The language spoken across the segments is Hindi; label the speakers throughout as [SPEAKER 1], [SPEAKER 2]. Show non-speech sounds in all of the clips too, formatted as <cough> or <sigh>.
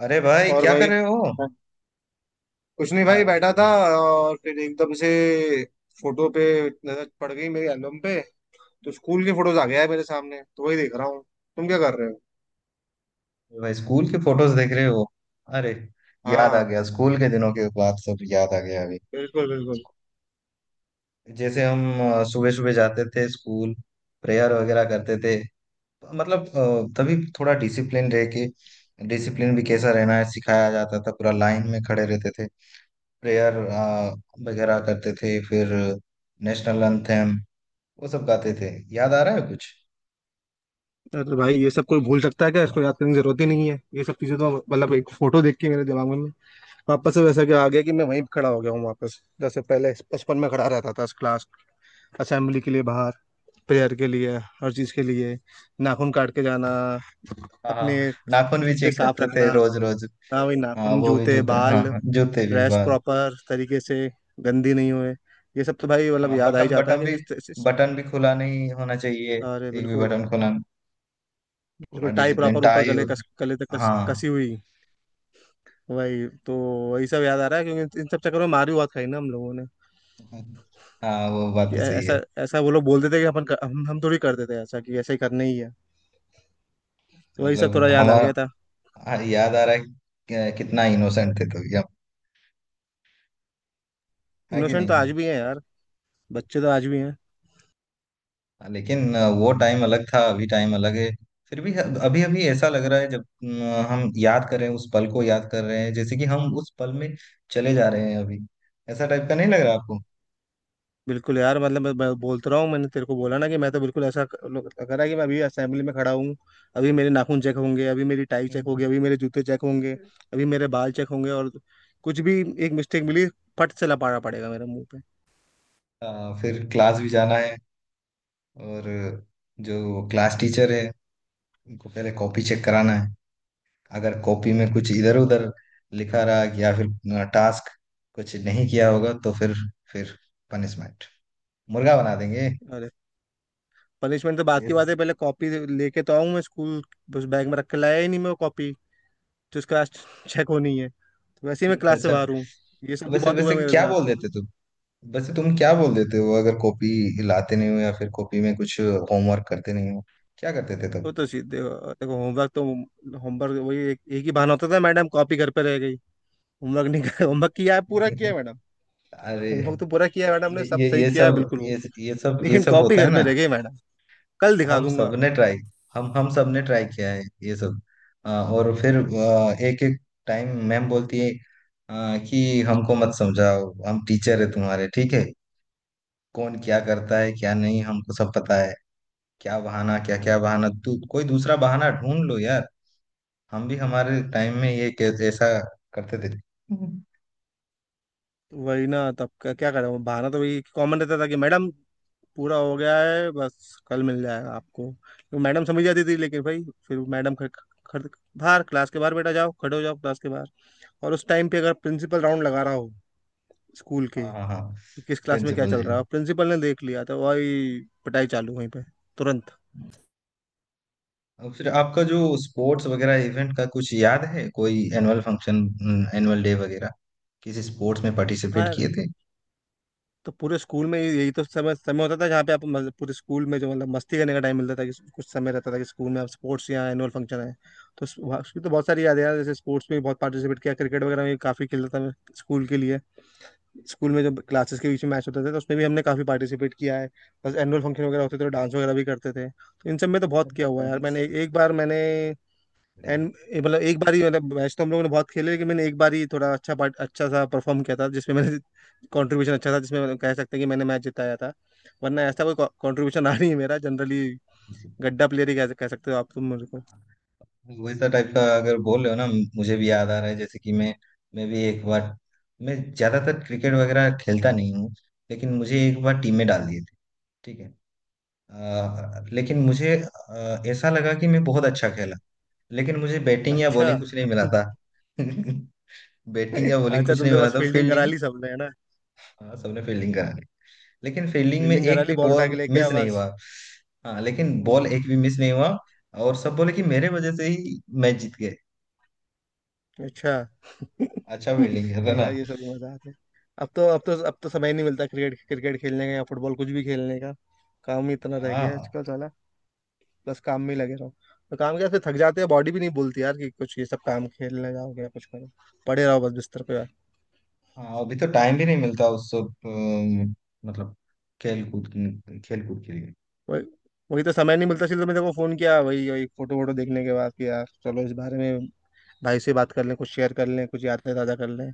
[SPEAKER 1] अरे भाई,
[SPEAKER 2] और
[SPEAKER 1] क्या कर
[SPEAKER 2] भाई।
[SPEAKER 1] रहे हो?
[SPEAKER 2] हाँ। कुछ नहीं भाई,
[SPEAKER 1] अरे
[SPEAKER 2] बैठा था। और फिर एकदम से फोटो पे नजर पड़ गई, मेरी एल्बम पे। तो स्कूल के फोटोज आ गया है मेरे सामने, तो वही देख रहा हूँ। तुम क्या कर रहे हो?
[SPEAKER 1] भाई, स्कूल की फोटोज देख रहे हो? अरे, याद आ
[SPEAKER 2] हाँ,
[SPEAKER 1] गया। स्कूल के दिनों के बाद सब याद आ गया अभी।
[SPEAKER 2] बिल्कुल बिल्कुल।
[SPEAKER 1] जैसे हम सुबह सुबह जाते थे स्कूल, प्रेयर वगैरह करते थे। तो मतलब तभी थोड़ा डिसिप्लिन रह के, डिसिप्लिन भी कैसा रहना है सिखाया जाता था। पूरा लाइन में खड़े रहते थे, प्रेयर वगैरह करते थे, फिर नेशनल एंथम वो सब गाते थे। याद आ रहा है कुछ?
[SPEAKER 2] अरे भाई, ये सब कोई भूल सकता है क्या? इसको याद करने की जरूरत ही नहीं है। ये सब चीजें तो मतलब एक फोटो देख के मेरे दिमाग में वापस से वैसा क्या आ गया कि मैं वहीं खड़ा हो गया हूँ वापस, जैसे पहले बचपन में खड़ा रहता था। क्लास, असेंबली के लिए बाहर, प्रेयर के लिए, हर चीज के लिए। नाखून काट के जाना,
[SPEAKER 1] हाँ
[SPEAKER 2] अपने
[SPEAKER 1] हाँ, नाखून भी
[SPEAKER 2] जूते
[SPEAKER 1] चेक
[SPEAKER 2] साफ
[SPEAKER 1] करते
[SPEAKER 2] रखना।
[SPEAKER 1] थे रोज रोज।
[SPEAKER 2] हाँ, वही
[SPEAKER 1] हाँ,
[SPEAKER 2] नाखून,
[SPEAKER 1] वो भी
[SPEAKER 2] जूते,
[SPEAKER 1] जूते, हाँ
[SPEAKER 2] बाल,
[SPEAKER 1] हाँ, जूते भी,
[SPEAKER 2] ड्रेस
[SPEAKER 1] बाल।
[SPEAKER 2] प्रॉपर तरीके से, गंदी नहीं हुए। ये सब तो भाई मतलब
[SPEAKER 1] हाँ,
[SPEAKER 2] याद आ ही
[SPEAKER 1] बटन,
[SPEAKER 2] जाता है
[SPEAKER 1] बटन भी
[SPEAKER 2] क्योंकि
[SPEAKER 1] बटन भी खुला नहीं होना चाहिए।
[SPEAKER 2] अरे
[SPEAKER 1] एक भी
[SPEAKER 2] बिल्कुल।
[SPEAKER 1] बटन खुला नहीं। पूरा
[SPEAKER 2] बिल्कुल टाई
[SPEAKER 1] डिसिप्लिन।
[SPEAKER 2] प्रॉपर ऊपर
[SPEAKER 1] टाई।
[SPEAKER 2] गले कस, गले तक कस,
[SPEAKER 1] हाँ
[SPEAKER 2] कसी हुई। वही तो। वही सब याद आ रहा है क्योंकि इन सब चक्करों में मार भी बहुत खाई ना हम लोगों ने।
[SPEAKER 1] हाँ, वो बात
[SPEAKER 2] कि
[SPEAKER 1] तो
[SPEAKER 2] ऐ-
[SPEAKER 1] सही
[SPEAKER 2] ऐसा
[SPEAKER 1] है।
[SPEAKER 2] ऐसा वो लोग बोलते थे कि हम थोड़ी करते थे ऐसा कि ऐसा ही करना ही है। तो वही सब
[SPEAKER 1] मतलब
[SPEAKER 2] थोड़ा याद आ
[SPEAKER 1] हमारा,
[SPEAKER 2] गया था।
[SPEAKER 1] हाँ, याद आ रहा है कि कितना इनोसेंट थे तो हम। है कि
[SPEAKER 2] इनोसेंट तो
[SPEAKER 1] नहीं?
[SPEAKER 2] आज भी है यार। बच्चे तो आज भी हैं।
[SPEAKER 1] लेकिन वो टाइम अलग था, अभी टाइम अलग है। फिर भी अभी अभी ऐसा लग रहा है, जब हम याद कर रहे हैं, उस पल को याद कर रहे हैं, जैसे कि हम उस पल में चले जा रहे हैं अभी। ऐसा टाइप का नहीं लग रहा आपको?
[SPEAKER 2] बिल्कुल यार, मतलब मैं बोलता रहा हूँ। मैंने तेरे को बोला ना कि मैं तो बिल्कुल ऐसा करा कि मैं अभी असेंबली में खड़ा हूँ। अभी मेरे नाखून चेक होंगे, अभी मेरी टाई चेक होगी, अभी
[SPEAKER 1] <laughs>
[SPEAKER 2] मेरे जूते चेक होंगे, अभी मेरे बाल चेक होंगे। और कुछ भी, एक मिस्टेक मिली, फट से लपाड़ा पड़ेगा मेरे मुंह पे।
[SPEAKER 1] फिर क्लास भी जाना है, और जो क्लास टीचर है उनको पहले कॉपी चेक कराना है। अगर कॉपी में कुछ इधर उधर लिखा रहा, या फिर टास्क कुछ नहीं किया होगा, तो फिर पनिशमेंट, मुर्गा बना देंगे।
[SPEAKER 2] अरे, पनिशमेंट तो
[SPEAKER 1] <laughs>
[SPEAKER 2] बात की
[SPEAKER 1] Yes.
[SPEAKER 2] बात है, पहले कॉपी लेके तो आऊँ मैं स्कूल। बस बैग में रख के लाया ही नहीं मैं वो कॉपी जिसका आज चेक <laughs> होनी है, तो वैसे ही मैं क्लास से
[SPEAKER 1] अच्छा,
[SPEAKER 2] बाहर हूँ। ये सब भी
[SPEAKER 1] वैसे
[SPEAKER 2] बहुत हुआ
[SPEAKER 1] वैसे
[SPEAKER 2] है मेरे
[SPEAKER 1] क्या
[SPEAKER 2] साथ।
[SPEAKER 1] बोल देते तुम? वैसे तुम क्या बोल देते हो, अगर कॉपी लाते नहीं हो या फिर कॉपी में कुछ होमवर्क करते नहीं हो? क्या करते थे
[SPEAKER 2] वो
[SPEAKER 1] तुम?
[SPEAKER 2] तो सीधे देखो, होमवर्क वही एक ही बहाना होता था, मैडम कॉपी घर पे रह गई। होमवर्क नहीं कर होमवर्क
[SPEAKER 1] <laughs>
[SPEAKER 2] किया है, पूरा किया है मैडम।
[SPEAKER 1] अरे,
[SPEAKER 2] होमवर्क तो पूरा किया है मैडम, ने
[SPEAKER 1] ये
[SPEAKER 2] सब
[SPEAKER 1] ये
[SPEAKER 2] सही
[SPEAKER 1] ये
[SPEAKER 2] किया है
[SPEAKER 1] सब
[SPEAKER 2] बिल्कुल वो,
[SPEAKER 1] ये ये सब ये
[SPEAKER 2] लेकिन
[SPEAKER 1] सब
[SPEAKER 2] कॉपी
[SPEAKER 1] होता है
[SPEAKER 2] घर पे
[SPEAKER 1] ना।
[SPEAKER 2] रह गई मैडम, कल दिखा
[SPEAKER 1] हम
[SPEAKER 2] दूंगा।
[SPEAKER 1] सबने ट्राई, हम सबने ट्राई किया है ये सब। और फिर एक एक टाइम मैम बोलती है, कि हमको मत समझाओ, हम टीचर है तुम्हारे, ठीक है? कौन क्या करता है क्या नहीं, हमको सब पता है। क्या बहाना, क्या क्या बहाना, तू कोई दूसरा बहाना ढूंढ लो यार। हम भी हमारे टाइम में ये कैसे, ऐसा करते थे। हम्म।
[SPEAKER 2] तो वही ना, तब का क्या करें, वो बहाना तो वही कॉमन रहता था कि मैडम पूरा हो गया है, बस कल मिल जाएगा आपको। तो मैडम समझ जाती थी। लेकिन भाई फिर मैडम खड़, खड़, बाहर, क्लास के बाहर बेटा जाओ, खड़े हो जाओ क्लास के बाहर। और उस टाइम पे अगर प्रिंसिपल राउंड लगा रहा हो स्कूल के,
[SPEAKER 1] हाँ हाँ हाँ,
[SPEAKER 2] कि किस क्लास में क्या
[SPEAKER 1] प्रिंसिपल
[SPEAKER 2] चल
[SPEAKER 1] जी।
[SPEAKER 2] रहा है, और प्रिंसिपल ने देख लिया तो वही, पिटाई चालू वहीं पे, तुरंत।
[SPEAKER 1] और फिर आपका जो स्पोर्ट्स वगैरह इवेंट का कुछ याद है? कोई एनुअल फंक्शन? एनुअल डे वगैरह? किसी स्पोर्ट्स में पार्टिसिपेट
[SPEAKER 2] हाँ।
[SPEAKER 1] किए थे?
[SPEAKER 2] तो पूरे स्कूल में यही तो समय समय होता था जहाँ पे आप मतलब, पूरे स्कूल में जो मतलब मस्ती करने का टाइम मिलता था, कि कुछ समय रहता था कि स्कूल में आप स्पोर्ट्स या एनुअल फंक्शन है। तो उसकी तो बहुत सारी यादें हैं। जैसे स्पोर्ट्स में भी बहुत पार्टिसिपेट किया, क्रिकेट वगैरह में काफ़ी खेलता था मैं, स्कूल के लिए। स्कूल में जब क्लासेस के बीच में मैच होते थे तो उसमें भी हमने काफ़ी पार्टिसिपेट किया है। बस एनुअल फंक्शन वगैरह होते थे तो डांस वगैरह भी करते थे, तो इन सब में तो बहुत
[SPEAKER 1] ऐसा
[SPEAKER 2] किया हुआ है यार
[SPEAKER 1] dance,
[SPEAKER 2] मैंने, एक एक बार मैंने
[SPEAKER 1] बढ़िया।
[SPEAKER 2] एंड, मतलब एक बार ही मतलब, मैच तो हम लोगों ने बहुत खेले लेकिन मैंने एक बार ही थोड़ा अच्छा पार्ट अच्छा सा परफॉर्म किया था जिसमें मैंने कंट्रीब्यूशन अच्छा था, जिसमें मतलब कह सकते हैं कि मैंने मैच जिताया था। वरना ऐसा कोई कंट्रीब्यूशन आ नहीं है मेरा जनरली, गड्ढा प्लेयर ही कह सकते हो आप तुम मेरे को।
[SPEAKER 1] वैसा टाइप का अगर बोल रहे हो ना, मुझे भी याद आ रहा है। जैसे कि मैं भी एक बार, मैं ज्यादातर क्रिकेट वगैरह खेलता नहीं हूँ, लेकिन मुझे एक बार टीम में डाल दिए थे, ठीक है? लेकिन मुझे ऐसा लगा कि मैं बहुत अच्छा खेला। लेकिन मुझे बैटिंग या
[SPEAKER 2] अच्छा।
[SPEAKER 1] बॉलिंग कुछ नहीं मिला
[SPEAKER 2] <laughs>
[SPEAKER 1] था। <laughs> बैटिंग या बॉलिंग
[SPEAKER 2] अच्छा,
[SPEAKER 1] कुछ नहीं
[SPEAKER 2] तुमसे
[SPEAKER 1] मिला
[SPEAKER 2] बस
[SPEAKER 1] था,
[SPEAKER 2] फील्डिंग करा
[SPEAKER 1] फील्डिंग।
[SPEAKER 2] ली सबने है ना।
[SPEAKER 1] हाँ, सबने फील्डिंग करा ली। लेकिन फील्डिंग में
[SPEAKER 2] फील्डिंग करा
[SPEAKER 1] एक
[SPEAKER 2] ली,
[SPEAKER 1] भी
[SPEAKER 2] बॉल उठा के
[SPEAKER 1] बॉल
[SPEAKER 2] लेके
[SPEAKER 1] मिस
[SPEAKER 2] आया
[SPEAKER 1] नहीं
[SPEAKER 2] बस।
[SPEAKER 1] हुआ। हाँ, लेकिन बॉल
[SPEAKER 2] हम्म।
[SPEAKER 1] एक भी मिस नहीं हुआ। और सब बोले कि मेरे वजह से ही मैच जीत गए।
[SPEAKER 2] अच्छा। <laughs>
[SPEAKER 1] अच्छा, फील्डिंग किया था
[SPEAKER 2] नहीं
[SPEAKER 1] ना।
[SPEAKER 2] यार, ये सभी मजा आते हैं। अब तो समय ही नहीं मिलता, क्रिकेट क्रिकेट खेलने का या फुटबॉल कुछ भी खेलने का। काम ही इतना रह गया है
[SPEAKER 1] हाँ
[SPEAKER 2] आजकल साला, बस काम में ही लगे रहो, तो काम क्या फिर थक जाते हैं, बॉडी भी नहीं बोलती यार कि कुछ ये सब काम खेलने जाओगे या कुछ करो, पड़े रहो बस बिस्तर पे यार।
[SPEAKER 1] हाँ, अभी तो टाइम भी नहीं मिलता उस सब, मतलब खेल कूद, खेल कूद के लिए।
[SPEAKER 2] वही वही तो समय नहीं मिलता, इसलिए तो मैंने को फोन किया, वही वही फोटो वोटो देखने के बाद कि यार चलो इस बारे में भाई से बात कर लें, कुछ शेयर कर लें, कुछ यादें ताज़ा कर लें।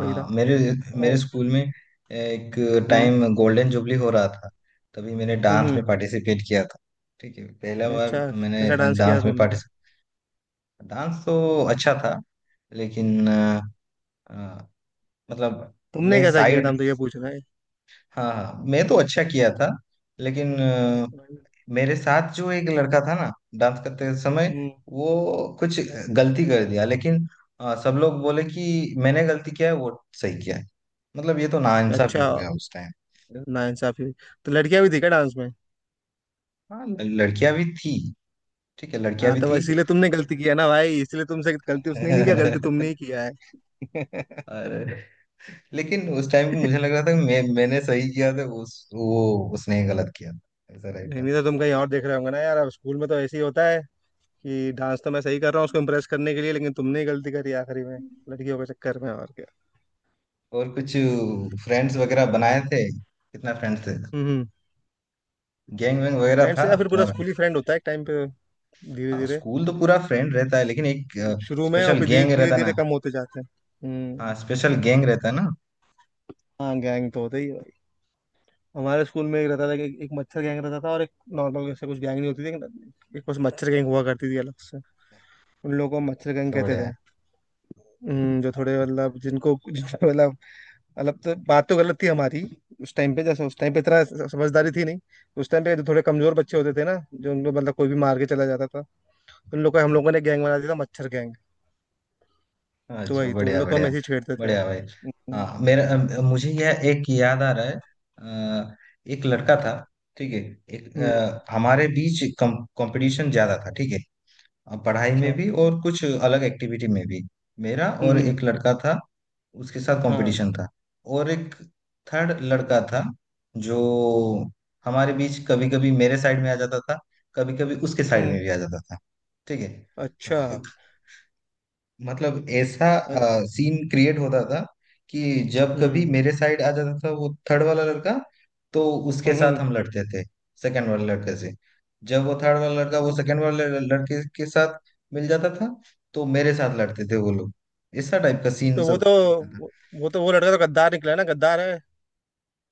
[SPEAKER 2] वही था।
[SPEAKER 1] मेरे मेरे
[SPEAKER 2] और।
[SPEAKER 1] स्कूल में एक
[SPEAKER 2] हम्म।
[SPEAKER 1] टाइम गोल्डन जुबली हो रहा था। तभी मैंने डांस
[SPEAKER 2] हम्म।
[SPEAKER 1] में पार्टिसिपेट किया था, ठीक है? पहला बार
[SPEAKER 2] अच्छा।
[SPEAKER 1] मैंने
[SPEAKER 2] कैसा डांस किया
[SPEAKER 1] डांस में
[SPEAKER 2] तुमने?
[SPEAKER 1] पार्टिसिपेट। डांस तो अच्छा था, लेकिन अ, मतलब
[SPEAKER 2] तुमने
[SPEAKER 1] मैं
[SPEAKER 2] कैसा किया था,
[SPEAKER 1] साइड,
[SPEAKER 2] हम तो ये पूछ रहे हैं।
[SPEAKER 1] हाँ हाँ, मैं तो अच्छा किया था। लेकिन मेरे साथ जो एक लड़का था ना, डांस करते समय,
[SPEAKER 2] हम्म।
[SPEAKER 1] वो कुछ गलती कर दिया। लेकिन सब लोग बोले कि मैंने गलती किया है, वो सही किया है। मतलब ये तो नाइंसाफी
[SPEAKER 2] अच्छा।
[SPEAKER 1] हो गया उस टाइम।
[SPEAKER 2] नाइंसाफी हुई। तो लड़कियां भी थी क्या डांस में?
[SPEAKER 1] हाँ, लड़कियां भी थी, ठीक है, लड़कियां
[SPEAKER 2] हाँ,
[SPEAKER 1] भी
[SPEAKER 2] तो
[SPEAKER 1] थी।
[SPEAKER 2] इसीलिए तुमने गलती किया ना भाई, इसलिए तुमसे गलती। उसने नहीं किया गलती, तुमने
[SPEAKER 1] <laughs>
[SPEAKER 2] ही किया है। <laughs>
[SPEAKER 1] और लेकिन उस टाइम
[SPEAKER 2] नहीं।
[SPEAKER 1] मुझे लग रहा था कि मैं, मैंने सही किया था, उस, वो उसने गलत किया था, ऐसा रहता
[SPEAKER 2] नहीं तो
[SPEAKER 1] था।
[SPEAKER 2] तुम कहीं और देख रहे होंगे ना यार, अब स्कूल में तो ऐसे ही होता है कि डांस तो मैं सही कर रहा हूँ उसको इम्प्रेस करने के लिए, लेकिन तुमने ही गलती करी आखिरी में, लड़कियों के चक्कर में और क्या।
[SPEAKER 1] और कुछ फ्रेंड्स वगैरह बनाए थे? कितना फ्रेंड्स थे?
[SPEAKER 2] हम्म।
[SPEAKER 1] गैंग वैंग वगैरह था
[SPEAKER 2] फ्रेंड्स या फिर पूरा
[SPEAKER 1] तुम्हारा?
[SPEAKER 2] स्कूल ही फ्रेंड होता है एक टाइम पे, धीरे
[SPEAKER 1] हाँ,
[SPEAKER 2] धीरे।
[SPEAKER 1] स्कूल तो पूरा फ्रेंड रहता है, लेकिन एक
[SPEAKER 2] शुरू में, और
[SPEAKER 1] स्पेशल
[SPEAKER 2] फिर धीरे
[SPEAKER 1] गैंग
[SPEAKER 2] धीरे
[SPEAKER 1] रहता ना।
[SPEAKER 2] धीरे कम होते जाते हैं।
[SPEAKER 1] हाँ,
[SPEAKER 2] हम्म।
[SPEAKER 1] स्पेशल गैंग रहता ना।
[SPEAKER 2] हाँ, गैंग तो होता ही है भाई। हमारे स्कूल में एक रहता था कि एक मच्छर गैंग रहता था और एक नॉर्मल, ऐसे कुछ गैंग नहीं होती थी, एक बस मच्छर गैंग हुआ करती थी अलग से। उन लोगों को मच्छरगंग
[SPEAKER 1] अच्छा,
[SPEAKER 2] कहते
[SPEAKER 1] बढ़िया है।
[SPEAKER 2] थे। जो थोड़े मतलब जिनको जिनको मतलब, मतलब तो बात तो गलत थी हमारी उस टाइम पे, जैसे उस टाइम पे इतना समझदारी थी नहीं। उस टाइम पे जो थोड़े कमजोर बच्चे होते थे ना, जो उनको मतलब कोई भी मार के चला जाता था, उन लोग को हम लोगों ने गैंग बना दिया था, मच्छर गैंग। तो
[SPEAKER 1] अच्छा,
[SPEAKER 2] वही तो, उन
[SPEAKER 1] बढ़िया
[SPEAKER 2] लोग को हम
[SPEAKER 1] बढ़िया।
[SPEAKER 2] ऐसे ही छेड़ते थे।
[SPEAKER 1] बढ़िया भाई।
[SPEAKER 2] हम्म।
[SPEAKER 1] हाँ, मेरा, मुझे यह एक याद आ रहा है। अ, एक लड़का था, ठीक है। एक
[SPEAKER 2] हम्म,
[SPEAKER 1] हमारे बीच कंपटीशन ज्यादा था, ठीक है। पढ़ाई में
[SPEAKER 2] अच्छा।
[SPEAKER 1] भी और कुछ अलग एक्टिविटी में भी। मेरा और
[SPEAKER 2] हम्म।
[SPEAKER 1] एक लड़का था, उसके साथ
[SPEAKER 2] हाँ।
[SPEAKER 1] कंपटीशन था। और एक थर्ड लड़का था, जो हमारे बीच कभी कभी मेरे साइड में आ जाता था, कभी कभी उसके साइड में
[SPEAKER 2] हम्म।
[SPEAKER 1] भी आ जाता था, ठीक
[SPEAKER 2] अच्छा।
[SPEAKER 1] है? मतलब ऐसा
[SPEAKER 2] अल-
[SPEAKER 1] सीन क्रिएट होता था कि जब कभी
[SPEAKER 2] हम्म।
[SPEAKER 1] मेरे साइड आ जाता था वो थर्ड वाला लड़का, तो उसके साथ
[SPEAKER 2] हम्म।
[SPEAKER 1] हम लड़ते थे, सेकंड वाले लड़के से। जब वो थर्ड वाला लड़का वो
[SPEAKER 2] वो-
[SPEAKER 1] सेकंड वाले लड़के के साथ मिल जाता था, तो मेरे साथ लड़ते थे वो लोग। ऐसा टाइप का सीन
[SPEAKER 2] तो वो
[SPEAKER 1] सब
[SPEAKER 2] तो
[SPEAKER 1] चलता था।
[SPEAKER 2] वो वो लड़का तो गद्दार निकला ना, गद्दार है।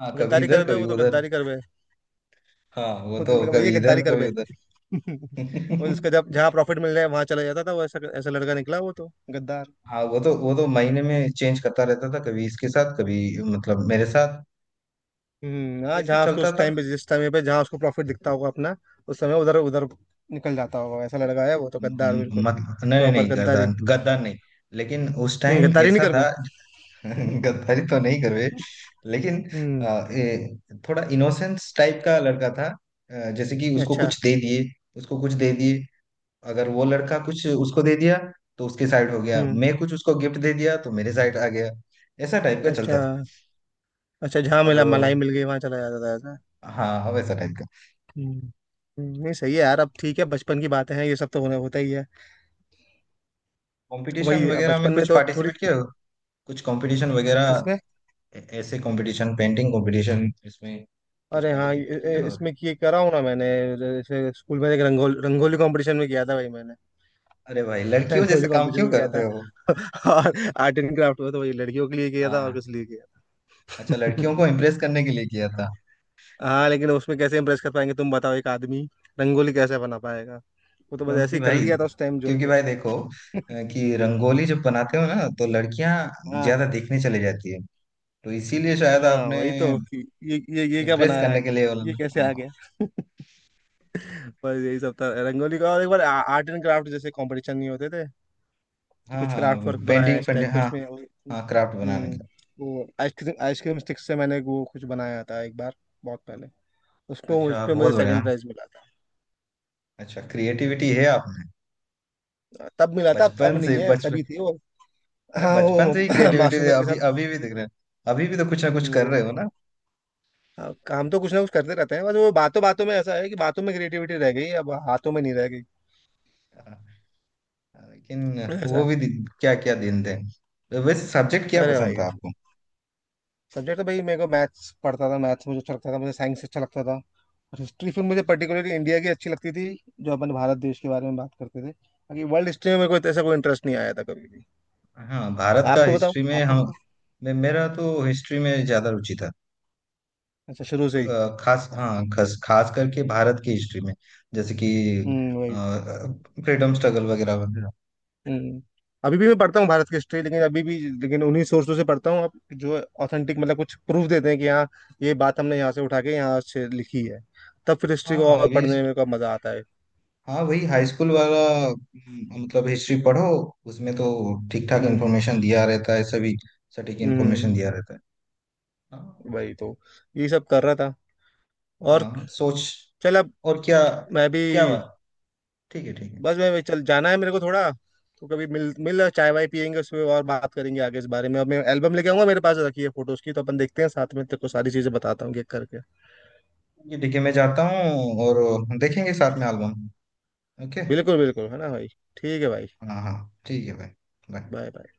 [SPEAKER 1] हाँ, कभी
[SPEAKER 2] गद्दारी कर
[SPEAKER 1] इधर
[SPEAKER 2] बे,
[SPEAKER 1] कभी
[SPEAKER 2] वो तो
[SPEAKER 1] उधर।
[SPEAKER 2] गद्दारी कर बे।
[SPEAKER 1] हाँ, वो
[SPEAKER 2] वो तो
[SPEAKER 1] तो
[SPEAKER 2] लड़का भैया
[SPEAKER 1] कभी इधर
[SPEAKER 2] गद्दारी कर
[SPEAKER 1] कभी
[SPEAKER 2] बे।
[SPEAKER 1] उधर।
[SPEAKER 2] <laughs> और
[SPEAKER 1] <laughs>
[SPEAKER 2] उसका, जब जहाँ प्रॉफिट मिल रहा है वहां चला जाता था वो, ऐसा ऐसा लड़का निकला वो तो, गद्दार।
[SPEAKER 1] हाँ, वो तो महीने में चेंज करता रहता था, कभी इसके साथ, कभी मतलब मेरे साथ।
[SPEAKER 2] हम्म। हाँ,
[SPEAKER 1] ऐसा
[SPEAKER 2] जहाँ उसको
[SPEAKER 1] चलता
[SPEAKER 2] उस
[SPEAKER 1] था।
[SPEAKER 2] टाइम पे, जिस समय पे जहाँ उसको प्रॉफिट दिखता होगा अपना, उस समय उधर उधर निकल जाता होगा। ऐसा लड़का है वो तो, गद्दार
[SPEAKER 1] म-
[SPEAKER 2] बिल्कुल,
[SPEAKER 1] मतलब नहीं
[SPEAKER 2] प्रॉपर
[SPEAKER 1] नहीं,
[SPEAKER 2] गद्दारी।
[SPEAKER 1] गद्दार, गद्दार नहीं। लेकिन उस
[SPEAKER 2] नहीं
[SPEAKER 1] टाइम
[SPEAKER 2] गद्दारी नहीं
[SPEAKER 1] ऐसा
[SPEAKER 2] कर
[SPEAKER 1] था।
[SPEAKER 2] बे।
[SPEAKER 1] <laughs>
[SPEAKER 2] <laughs>
[SPEAKER 1] गद्दारी तो नहीं करवे। लेकिन
[SPEAKER 2] हम्म,
[SPEAKER 1] अ, ए, थोड़ा इनोसेंस टाइप का लड़का था। जैसे कि उसको
[SPEAKER 2] अच्छा।
[SPEAKER 1] कुछ दे दिए, उसको कुछ दे दिए, अगर वो लड़का कुछ उसको दे दिया तो उसके साइड हो गया।
[SPEAKER 2] हम्म,
[SPEAKER 1] मैं कुछ उसको गिफ्ट दे दिया तो मेरे साइड आ गया। ऐसा टाइप का चलता
[SPEAKER 2] अच्छा।
[SPEAKER 1] था।
[SPEAKER 2] अच्छा, जहाँ
[SPEAKER 1] और
[SPEAKER 2] मिला मलाई मिल गई वहां चला जाता था ऐसा।
[SPEAKER 1] हाँ हाँ, वैसा टाइप का।
[SPEAKER 2] हम्म। नहीं सही है यार। अब ठीक है, बचपन की बातें हैं, ये सब तो होने होता ही है।
[SPEAKER 1] कंपटीशन
[SPEAKER 2] वही, अब
[SPEAKER 1] वगैरह में
[SPEAKER 2] बचपन में
[SPEAKER 1] कुछ
[SPEAKER 2] तो थोड़ी।
[SPEAKER 1] पार्टिसिपेट किया हो? कुछ कंपटीशन वगैरह?
[SPEAKER 2] किस्में?
[SPEAKER 1] ऐसे कंपटीशन, पेंटिंग कंपटीशन, इसमें कुछ
[SPEAKER 2] अरे हाँ,
[SPEAKER 1] पार्टिसिपेट किए हो?
[SPEAKER 2] इसमें ये करा हूँ ना मैंने, जैसे स्कूल में एक रंगोली रंगोली कंपटीशन में किया था भाई मैंने।
[SPEAKER 1] अरे भाई,
[SPEAKER 2] <laughs>
[SPEAKER 1] लड़कियों जैसे
[SPEAKER 2] रंगोली
[SPEAKER 1] काम
[SPEAKER 2] कंपटीशन
[SPEAKER 1] क्यों
[SPEAKER 2] में किया
[SPEAKER 1] करते
[SPEAKER 2] था।
[SPEAKER 1] हो?
[SPEAKER 2] <laughs> और आर्ट एंड क्राफ्ट में, तो वही लड़कियों के लिए किया था और
[SPEAKER 1] हाँ,
[SPEAKER 2] किस लिए किया
[SPEAKER 1] अच्छा, लड़कियों को
[SPEAKER 2] था?
[SPEAKER 1] इम्प्रेस करने के लिए किया था।
[SPEAKER 2] <laughs> हाँ, लेकिन उसमें कैसे इम्प्रेस कर पाएंगे, तुम बताओ, एक आदमी रंगोली कैसे बना पाएगा। वो तो बस ऐसे
[SPEAKER 1] क्योंकि
[SPEAKER 2] ही कर
[SPEAKER 1] भाई
[SPEAKER 2] लिया था उस टाइम, जोश
[SPEAKER 1] क्योंकि
[SPEAKER 2] जोश
[SPEAKER 1] भाई देखो,
[SPEAKER 2] में। <laughs>
[SPEAKER 1] कि रंगोली जब बनाते हो ना, तो लड़कियां
[SPEAKER 2] हाँ
[SPEAKER 1] ज्यादा देखने चले जाती है। तो इसीलिए शायद
[SPEAKER 2] हाँ,
[SPEAKER 1] आपने
[SPEAKER 2] वही तो कि ये क्या
[SPEAKER 1] इम्प्रेस
[SPEAKER 2] बना रहा
[SPEAKER 1] करने
[SPEAKER 2] है,
[SPEAKER 1] के लिए बोला
[SPEAKER 2] ये कैसे
[SPEAKER 1] ना।
[SPEAKER 2] आ गया। <laughs> बस यही सब था रंगोली का। और एक बार आर्ट एंड क्राफ्ट जैसे कंपटीशन नहीं होते थे, कि
[SPEAKER 1] हाँ
[SPEAKER 2] कुछ
[SPEAKER 1] हाँ,
[SPEAKER 2] क्राफ्ट वर्क बनाया है
[SPEAKER 1] पेंटिंग
[SPEAKER 2] इस
[SPEAKER 1] पेंटिंग
[SPEAKER 2] टाइप के
[SPEAKER 1] हाँ।
[SPEAKER 2] उसमें, और
[SPEAKER 1] हाँ, क्राफ्ट बनाने
[SPEAKER 2] हम्म।
[SPEAKER 1] का।
[SPEAKER 2] वो आइसक्रीम आइसक्रीम स्टिक से मैंने वो कुछ बनाया था एक बार, बहुत पहले। उसको, उस
[SPEAKER 1] अच्छा,
[SPEAKER 2] पे
[SPEAKER 1] बहुत
[SPEAKER 2] मुझे
[SPEAKER 1] बढ़िया।
[SPEAKER 2] सेकंड प्राइज मिला था।
[SPEAKER 1] अच्छा, क्रिएटिविटी है आप में।
[SPEAKER 2] तब मिला था, अब
[SPEAKER 1] बचपन से,
[SPEAKER 2] नहीं है, अब
[SPEAKER 1] बचपन।
[SPEAKER 2] तभी थी वो।
[SPEAKER 1] अरे,
[SPEAKER 2] हाँ
[SPEAKER 1] बचपन
[SPEAKER 2] वो
[SPEAKER 1] से
[SPEAKER 2] <laughs>
[SPEAKER 1] ही
[SPEAKER 2] <clears throat>
[SPEAKER 1] क्रिएटिविटी है।
[SPEAKER 2] मासूमियत के
[SPEAKER 1] अभी
[SPEAKER 2] साथ।
[SPEAKER 1] अभी भी दिख रहे हैं। अभी भी तो कुछ ना कुछ
[SPEAKER 2] हम्म,
[SPEAKER 1] कर
[SPEAKER 2] वही
[SPEAKER 1] रहे हो
[SPEAKER 2] मा-
[SPEAKER 1] ना।
[SPEAKER 2] हाँ, काम तो कुछ ना कुछ करते रहते हैं, बस वो बातों बातों में ऐसा है कि बातों में क्रिएटिविटी रह गई, अब हाथों में नहीं रह गई,
[SPEAKER 1] हाँ, लेकिन
[SPEAKER 2] ऐसा
[SPEAKER 1] वो
[SPEAKER 2] है।
[SPEAKER 1] भी दिन, क्या क्या दिन थे। तो वैसे सब्जेक्ट क्या
[SPEAKER 2] अरे
[SPEAKER 1] पसंद
[SPEAKER 2] भाई,
[SPEAKER 1] था आपको?
[SPEAKER 2] सब्जेक्ट तो भाई मेरे को मैथ्स पढ़ता था। मैथ्स मुझे अच्छा लगता था, मुझे साइंस अच्छा लगता था, और हिस्ट्री, फिर
[SPEAKER 1] अच्छा
[SPEAKER 2] मुझे
[SPEAKER 1] अच्छा।
[SPEAKER 2] पर्टिकुलरली इंडिया की अच्छी लगती थी। जो अपन भारत देश के बारे में बात करते थे, बाकी वर्ल्ड हिस्ट्री में मेरे को ऐसा कोई इंटरेस्ट नहीं आया था कभी भी।
[SPEAKER 1] हाँ, भारत का
[SPEAKER 2] आपको बताओ
[SPEAKER 1] हिस्ट्री में
[SPEAKER 2] आपको
[SPEAKER 1] हम,
[SPEAKER 2] बताओ।
[SPEAKER 1] मेरा तो हिस्ट्री में ज्यादा रुचि था।
[SPEAKER 2] अच्छा शुरू से ही।
[SPEAKER 1] खास, हाँ, खास खास करके भारत की हिस्ट्री में, जैसे कि
[SPEAKER 2] हम्म, वही।
[SPEAKER 1] फ्रीडम स्ट्रगल वगैरह वगैरह।
[SPEAKER 2] हम्म। अभी भी मैं पढ़ता हूँ भारत की हिस्ट्री, लेकिन अभी भी, लेकिन उन्हीं सोर्सों से पढ़ता हूँ आप, जो ऑथेंटिक, मतलब कुछ प्रूफ देते हैं कि हाँ, ये बात हमने यहाँ से उठा के यहाँ से लिखी है, तब फिर हिस्ट्री
[SPEAKER 1] हाँ
[SPEAKER 2] को
[SPEAKER 1] हाँ,
[SPEAKER 2] और
[SPEAKER 1] अभी
[SPEAKER 2] पढ़ने में मेरे को मजा आता है।
[SPEAKER 1] हाँ, वही हाई स्कूल वाला। मतलब हिस्ट्री पढ़ो, उसमें तो ठीक ठाक
[SPEAKER 2] हम्म।
[SPEAKER 1] इन्फॉर्मेशन दिया रहता है सभी, सटीक
[SPEAKER 2] हम्म।
[SPEAKER 1] इन्फॉर्मेशन दिया रहता है। हाँ
[SPEAKER 2] वही तो, यही सब कर रहा था। और,
[SPEAKER 1] हाँ, सोच,
[SPEAKER 2] चल अब,
[SPEAKER 1] और क्या।
[SPEAKER 2] मैं भी
[SPEAKER 1] क्या बात। ठीक है, ठीक है।
[SPEAKER 2] बस, चल जाना है मेरे को थोड़ा। तो कभी मिल मिल चाय वाय पियेंगे, उसमें और बात करेंगे आगे इस बारे में। अब मैं एल्बम लेके आऊंगा, मेरे पास रखी है फोटोज की, तो अपन देखते हैं साथ में, तेरे को सारी चीजें बताता हूँ एक करके।
[SPEAKER 1] ये देखिए, मैं जाता हूँ, और देखेंगे साथ में एल्बम। ओके।
[SPEAKER 2] बिल्कुल, बिल्कुल है ना भाई। ठीक है भाई।
[SPEAKER 1] हाँ हाँ, ठीक है भाई। बाय।
[SPEAKER 2] बाय।